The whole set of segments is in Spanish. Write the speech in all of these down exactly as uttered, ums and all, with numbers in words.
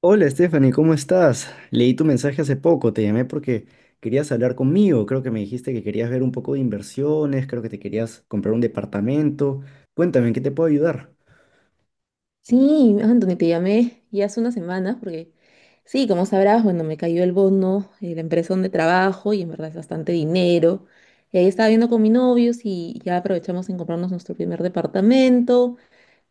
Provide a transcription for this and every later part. Hola Stephanie, ¿cómo estás? Leí tu mensaje hace poco, te llamé porque querías hablar conmigo, creo que me dijiste que querías ver un poco de inversiones, creo que te querías comprar un departamento. Cuéntame, ¿en qué te puedo ayudar? Sí, Anthony, te llamé ya hace unas semanas porque, sí, como sabrás, bueno, me cayó el bono de la empresa donde trabajo y en verdad es bastante dinero. Y ahí estaba viendo con mi novio si ya aprovechamos en comprarnos nuestro primer departamento.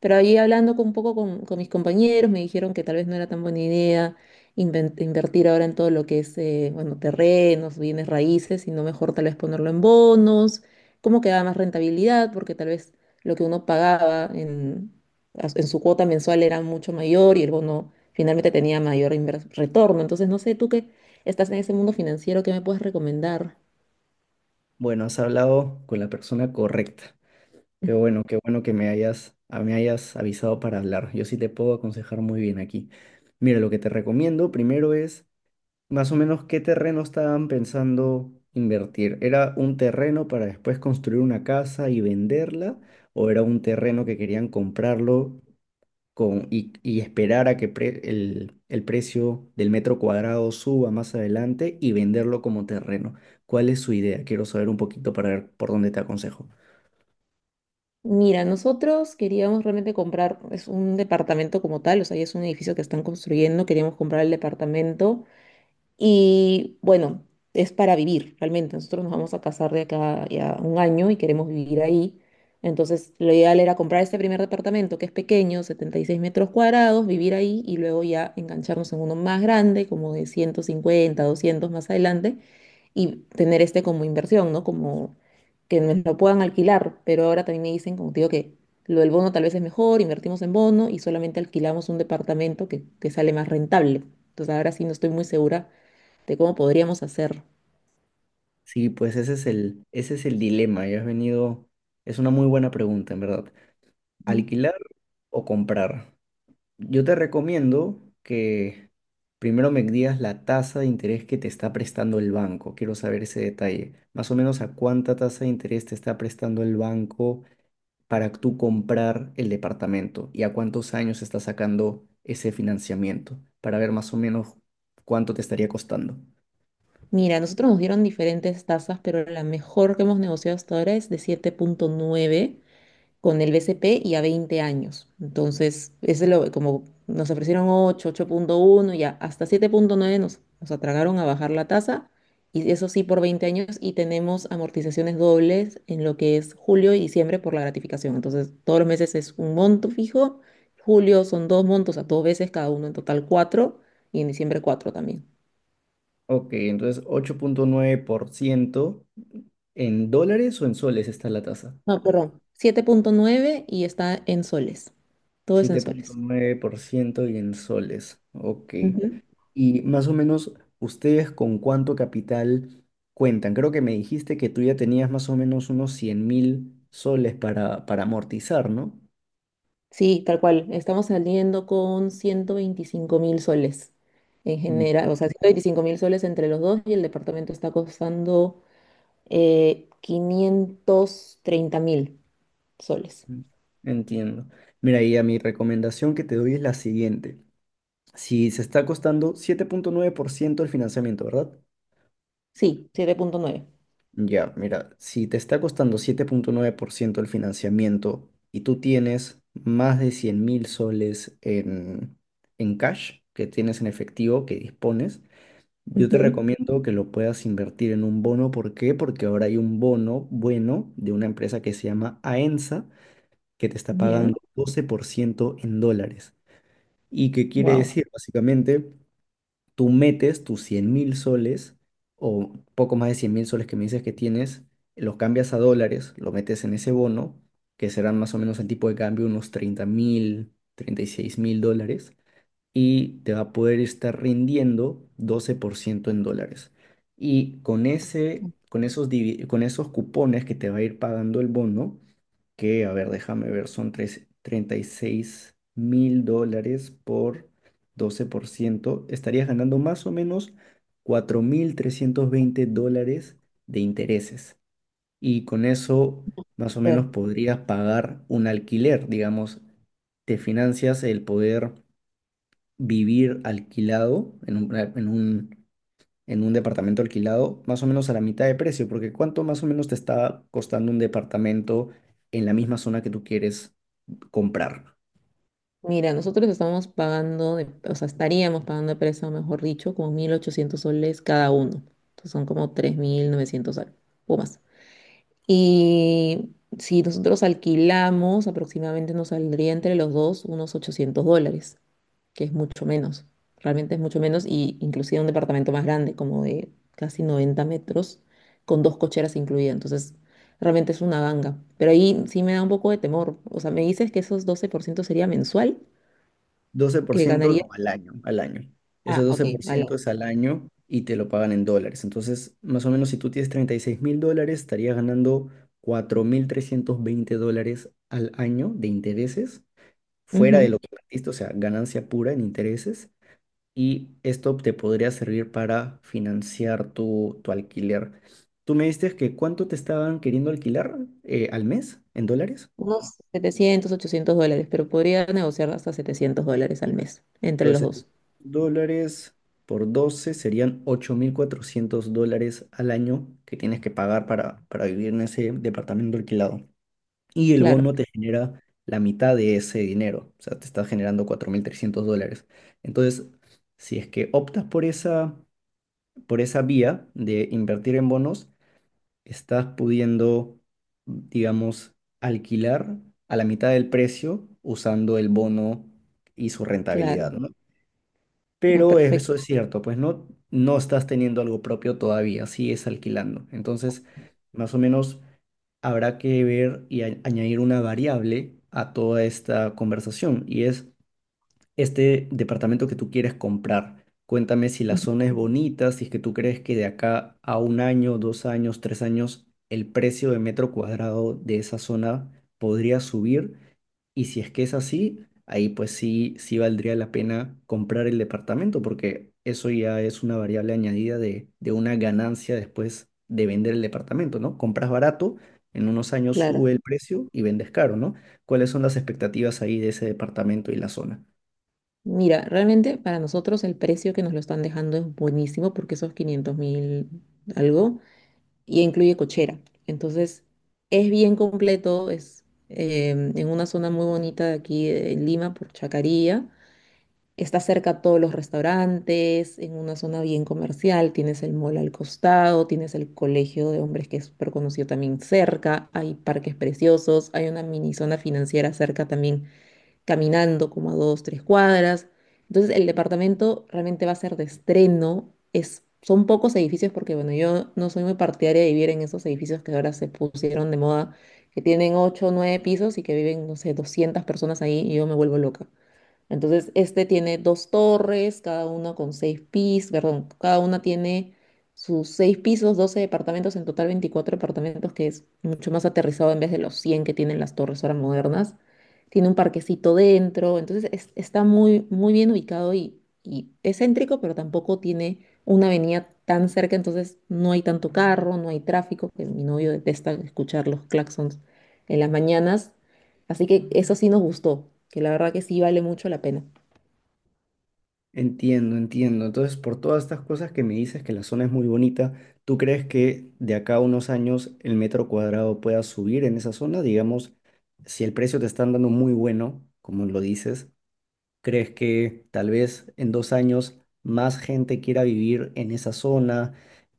Pero ahí hablando con- un poco con, con mis compañeros, me dijeron que tal vez no era tan buena idea inven- invertir ahora en todo lo que es, eh, bueno, terrenos, bienes raíces, sino mejor tal vez ponerlo en bonos, cómo quedaba más rentabilidad, porque tal vez lo que uno pagaba en, as- en su cuota mensual era mucho mayor y el bono finalmente tenía mayor inver- retorno. Entonces, no sé, tú que estás en ese mundo financiero, ¿qué me puedes recomendar? Bueno, has hablado con la persona correcta. Qué bueno, qué bueno que me hayas, a- me hayas avisado para hablar. Yo sí te puedo aconsejar muy bien aquí. Mira, lo que te recomiendo primero es... Más o menos, ¿qué terreno estaban pensando invertir? ¿Era un terreno para después construir una casa y venderla? ¿O era un terreno que querían comprarlo con, y, y esperar a que pre- el, el precio del metro cuadrado suba más adelante y venderlo como terreno? ¿Cuál es su idea? Quiero saber un poquito para ver por dónde te aconsejo. Mira, nosotros queríamos realmente comprar, es un departamento como tal, o sea, ya es un edificio que están construyendo, queríamos comprar el departamento, y bueno, es para vivir realmente. Nosotros nos vamos a casar de acá ya un año y queremos vivir ahí. Entonces, lo ideal era comprar este primer departamento que es pequeño, setenta y seis metros cuadrados, vivir ahí y luego ya engancharnos en uno más grande, como de ciento cincuenta doscientos más adelante, y tener este como inversión, ¿no? Como que nos lo puedan alquilar. Pero ahora también me dicen, como te digo, que lo del bono tal vez es mejor, invertimos en bono y solamente alquilamos un departamento que, que sale más rentable. Entonces, ahora sí no estoy muy segura de cómo podríamos hacer. Sí, pues ese es el, ese es el dilema. Ya has venido. Es una muy buena pregunta, en verdad. ¿Alquilar o comprar? Yo te recomiendo que primero me digas la tasa de interés que te está prestando el banco. Quiero saber ese detalle. Más o menos a cuánta tasa de interés te está prestando el banco para tú comprar el departamento y a cuántos años está sacando ese financiamiento para ver más o menos cuánto te estaría costando. Mira, nosotros nos dieron diferentes tasas, pero la mejor que hemos negociado hasta ahora es de siete punto nueve con el B C P y a veinte años. Entonces, ese es lo, como nos ofrecieron ocho, ocho punto uno, ya hasta siete punto nueve nos, nos atragaron a bajar la tasa, y eso sí por veinte años, y tenemos amortizaciones dobles en lo que es julio y diciembre por la gratificación. Entonces, todos los meses es un monto fijo, julio son dos montos a dos veces, cada uno en total cuatro, y en diciembre cuatro también. Ok, entonces ocho punto nueve por ciento en dólares o en soles está la tasa. No, perdón, siete punto nueve y está en soles. Todo es en Siete punto soles. nueve por ciento y en soles. Ok. Ujú. Y más o menos, ¿ustedes con cuánto capital cuentan? Creo que me dijiste que tú ya tenías más o menos unos cien mil soles para, para amortizar, ¿no? Sí, tal cual. Estamos saliendo con ciento veinticinco mil soles en general. Mm. O sea, ciento veinticinco mil soles entre los dos y el departamento está costando eh, quinientos treinta mil soles. Entiendo. Mira, y a mi recomendación que te doy es la siguiente. Si se está costando siete punto nueve por ciento el financiamiento, ¿verdad? Sí, siete punto nueve. Ya, mira, si te está costando siete punto nueve por ciento el financiamiento y tú tienes más de cien mil soles en, en cash que tienes en efectivo, que dispones. Yo te Ujú. recomiendo que lo puedas invertir en un bono. ¿Por qué? Porque ahora hay un bono bueno de una empresa que se llama Aensa, que te está Ya. pagando doce por ciento en dólares. ¿Y qué quiere Wow. decir? Básicamente, tú metes tus cien mil soles o poco más de cien mil soles que me dices que tienes, los cambias a dólares, lo metes en ese bono, que serán más o menos el tipo de cambio unos treinta mil, treinta y seis mil dólares y te va a poder estar rindiendo doce por ciento en dólares. Y con ese, con esos, divi- con esos cupones que te va a ir pagando el bono, que, a ver, déjame ver, son tres- treinta y seis mil dólares por doce por ciento, estarías ganando más o menos cuatro mil trescientos veinte dólares de intereses. Y con eso, más o menos, podrías pagar un alquiler, digamos, te financias el poder vivir alquilado en un, en un, en un departamento alquilado más o menos a la mitad de precio, porque ¿cuánto más o menos te está costando un departamento en la misma zona que tú quieres comprar? Mira, nosotros estamos pagando, de- o sea, estaríamos pagando de préstamo, mejor dicho, como mil ochocientos soles cada uno. Entonces son como tres mil novecientos soles o más. Y si nosotros alquilamos, aproximadamente nos saldría entre los dos unos ochocientos dólares, que es mucho menos. Realmente es mucho menos y inclusive un departamento más grande, como de casi noventa metros, con dos cocheras incluidas. Entonces, realmente es una ganga. Pero ahí sí me da un poco de temor. O sea, me dices que esos doce por ciento sería mensual que doce por ciento ganaría. no, al año, al año. Ese Ah, doce ok, por vale. ciento es al año y te lo pagan en dólares. Entonces, más o menos si tú tienes treinta y seis mil dólares, estarías ganando cuatro mil trescientos veinte dólares al año de intereses, fuera de lo Ujú. que invertiste, o sea, ganancia pura en intereses, y esto te podría servir para financiar tu, tu alquiler. Tú me diste que cuánto te estaban queriendo alquilar eh, al mes en dólares. Unos setecientos ochocientos dólares, pero podría negociar hasta setecientos dólares al mes entre los Entonces, dos. dólares por doce serían ocho mil cuatrocientos dólares al año que tienes que pagar para, para vivir en ese departamento alquilado. Y el Claro, bono te genera la mitad de ese dinero, o sea, te está generando cuatro mil trescientos dólares. Entonces, si es que optas por esa, por esa vía de invertir en bonos, estás pudiendo, digamos, alquilar a la mitad del precio usando el bono y su rentabilidad, claro. ¿no? Ah, Pero eso perfecto. es cierto, pues no, no estás teniendo algo propio todavía, sigues alquilando. Entonces, más o menos habrá que ver y a- añadir una variable a toda esta conversación, y es este departamento que tú quieres comprar. Cuéntame si la Ujú. zona es bonita, si es que tú crees que de acá a un año, dos años, tres años, el precio de metro cuadrado de esa zona podría subir. Y si es que es así, ahí pues sí, sí valdría la pena comprar el departamento, porque eso ya es una variable añadida de, de una ganancia después de vender el departamento, ¿no? Compras barato, en unos años Claro. sube el precio y vendes caro, ¿no? ¿Cuáles son las expectativas ahí de ese departamento y la zona? Mira, realmente para nosotros el precio que nos lo están dejando es buenísimo porque esos quinientos mil algo y incluye cochera. Entonces, es bien completo, es eh, en una zona muy bonita de aquí en Lima, por Chacarilla. Está cerca a todos los restaurantes, en una zona bien comercial, tienes el mall al costado, tienes el colegio de hombres que es súper conocido también cerca, hay parques preciosos, hay una mini zona financiera cerca también, caminando como a dos, tres cuadras. Entonces el departamento realmente va a ser de estreno, es, son pocos edificios porque bueno, yo no soy muy partidaria de vivir en esos edificios que ahora se pusieron de moda, que tienen ocho o nueve pisos y que viven, no sé, doscientas personas ahí y yo me vuelvo loca. Entonces, este tiene dos torres, cada una con seis pisos, perdón, cada una tiene sus seis pisos, doce departamentos, en total veinticuatro departamentos, que es mucho más aterrizado en vez de los cien que tienen las torres ahora modernas. Tiene un parquecito dentro, entonces es- está muy, muy bien ubicado y, y es céntrico, pero tampoco tiene una avenida tan cerca, entonces no hay tanto carro, no hay tráfico, que mi novio detesta escuchar los claxons en las mañanas. Así que eso sí nos gustó, que la verdad que sí vale mucho la pena. Entiendo, entiendo. Entonces, por todas estas cosas que me dices que la zona es muy bonita, ¿tú crees que de acá a unos años el metro cuadrado pueda subir en esa zona? Digamos, si el precio te están dando muy bueno, como lo dices, ¿crees que tal vez en dos años más gente quiera vivir en esa zona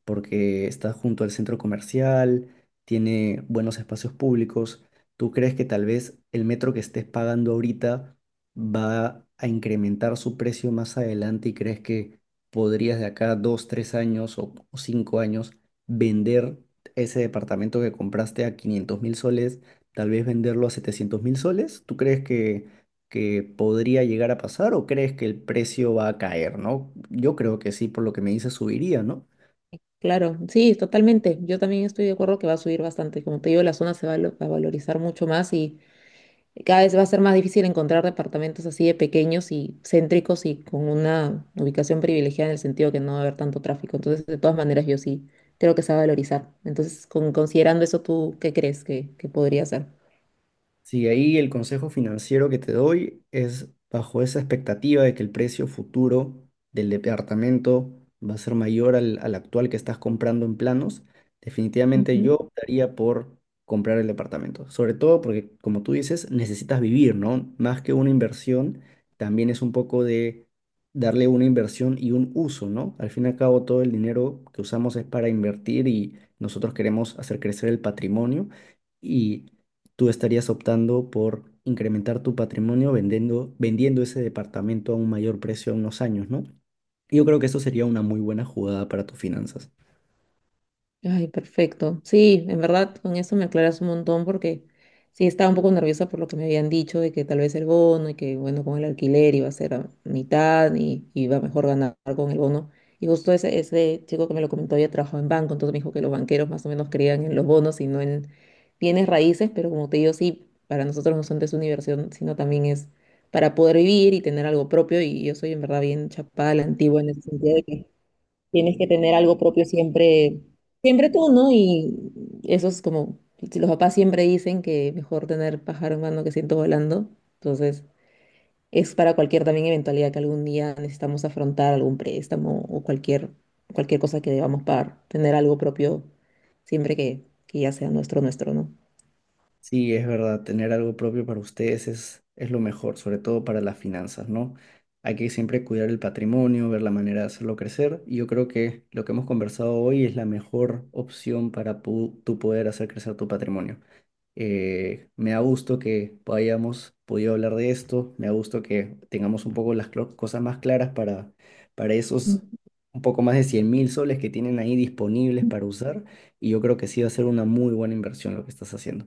porque está junto al centro comercial, tiene buenos espacios públicos? ¿Tú crees que tal vez el metro que estés pagando ahorita va a incrementar su precio más adelante y crees que podrías de acá dos, tres años o, o cinco años vender ese departamento que compraste a quinientos mil soles, tal vez venderlo a setecientos mil soles? ¿Tú crees que que podría llegar a pasar o crees que el precio va a caer, ¿no? Yo creo que sí, por lo que me dice, subiría, ¿no? Claro, sí, totalmente. Yo también estoy de acuerdo que va a subir bastante. Como te digo, la zona se va a lo- a valorizar mucho más y cada vez va a ser más difícil encontrar departamentos así de pequeños y céntricos y con una ubicación privilegiada en el sentido que no va a haber tanto tráfico. Entonces, de todas maneras, yo sí creo que se va a valorizar. Entonces, con- considerando eso, ¿tú qué crees que, que podría ser? Sí, ahí el consejo financiero que te doy es bajo esa expectativa de que el precio futuro del departamento va a ser mayor al, al actual que estás comprando en planos. Definitivamente yo Ujú. optaría por comprar el departamento, sobre todo porque, como tú dices, necesitas vivir, ¿no? Más que una inversión, también es un poco de darle una inversión y un uso, ¿no? Al fin y al cabo, todo el dinero que usamos es para invertir y nosotros queremos hacer crecer el patrimonio. Y tú estarías optando por incrementar tu patrimonio vendiendo, vendiendo ese departamento a un mayor precio a unos años, ¿no? Y yo creo que eso sería una muy buena jugada para tus finanzas. Ay, perfecto. Sí, en verdad, con eso me aclaras un montón porque sí estaba un poco nerviosa por lo que me habían dicho de que tal vez el bono y que, bueno, con el alquiler iba a ser a mitad y iba mejor ganar con el bono. Y justo ese, ese chico que me lo comentó había trabajado en banco, entonces me dijo que los banqueros más o menos creían en los bonos y no en bienes raíces, pero como te digo, sí, para nosotros no son de su diversión, sino también es para poder vivir y tener algo propio. Y yo soy en verdad bien chapada a la antigua en ese sentido de que tienes que tener algo propio siempre, siempre tú, ¿no? Y eso es como, si los papás siempre dicen que mejor tener pájaro en mano que ciento volando, entonces es para cualquier también eventualidad que algún día necesitamos afrontar algún préstamo o cualquier, cualquier cosa que debamos pagar, tener algo propio siempre que, que ya sea nuestro, nuestro, ¿no? Sí, es verdad, tener algo propio para ustedes es, es lo mejor, sobre todo para las finanzas, ¿no? Hay que siempre cuidar el patrimonio, ver la manera de hacerlo crecer, y yo creo que lo que hemos conversado hoy es la mejor opción para pu- tú poder hacer crecer tu patrimonio. Eh, me da gusto que hayamos podido hablar de esto, me da gusto que tengamos un poco las clo- cosas más claras para, para esos un poco más de cien mil soles que tienen ahí disponibles para usar, y yo creo que sí va a ser una muy buena inversión lo que estás haciendo.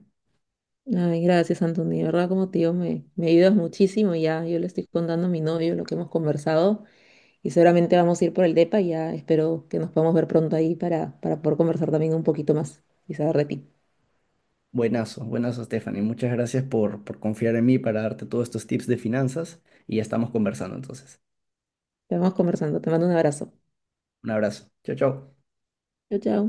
Ay, gracias, Antonio. De verdad, como tío, me, me ayudas muchísimo. Ya, yo le estoy contando a mi novio lo que hemos conversado. Y seguramente vamos a ir por el DEPA y ya espero que nos podamos ver pronto ahí para, para poder conversar también un poquito más y saber de ti. Buenazo, buenazo, Stephanie, muchas gracias por, por confiar en mí para darte todos estos tips de finanzas, y ya estamos conversando entonces. Te vamos conversando. Te mando un abrazo. Un abrazo, chao, chao. Chao, chao.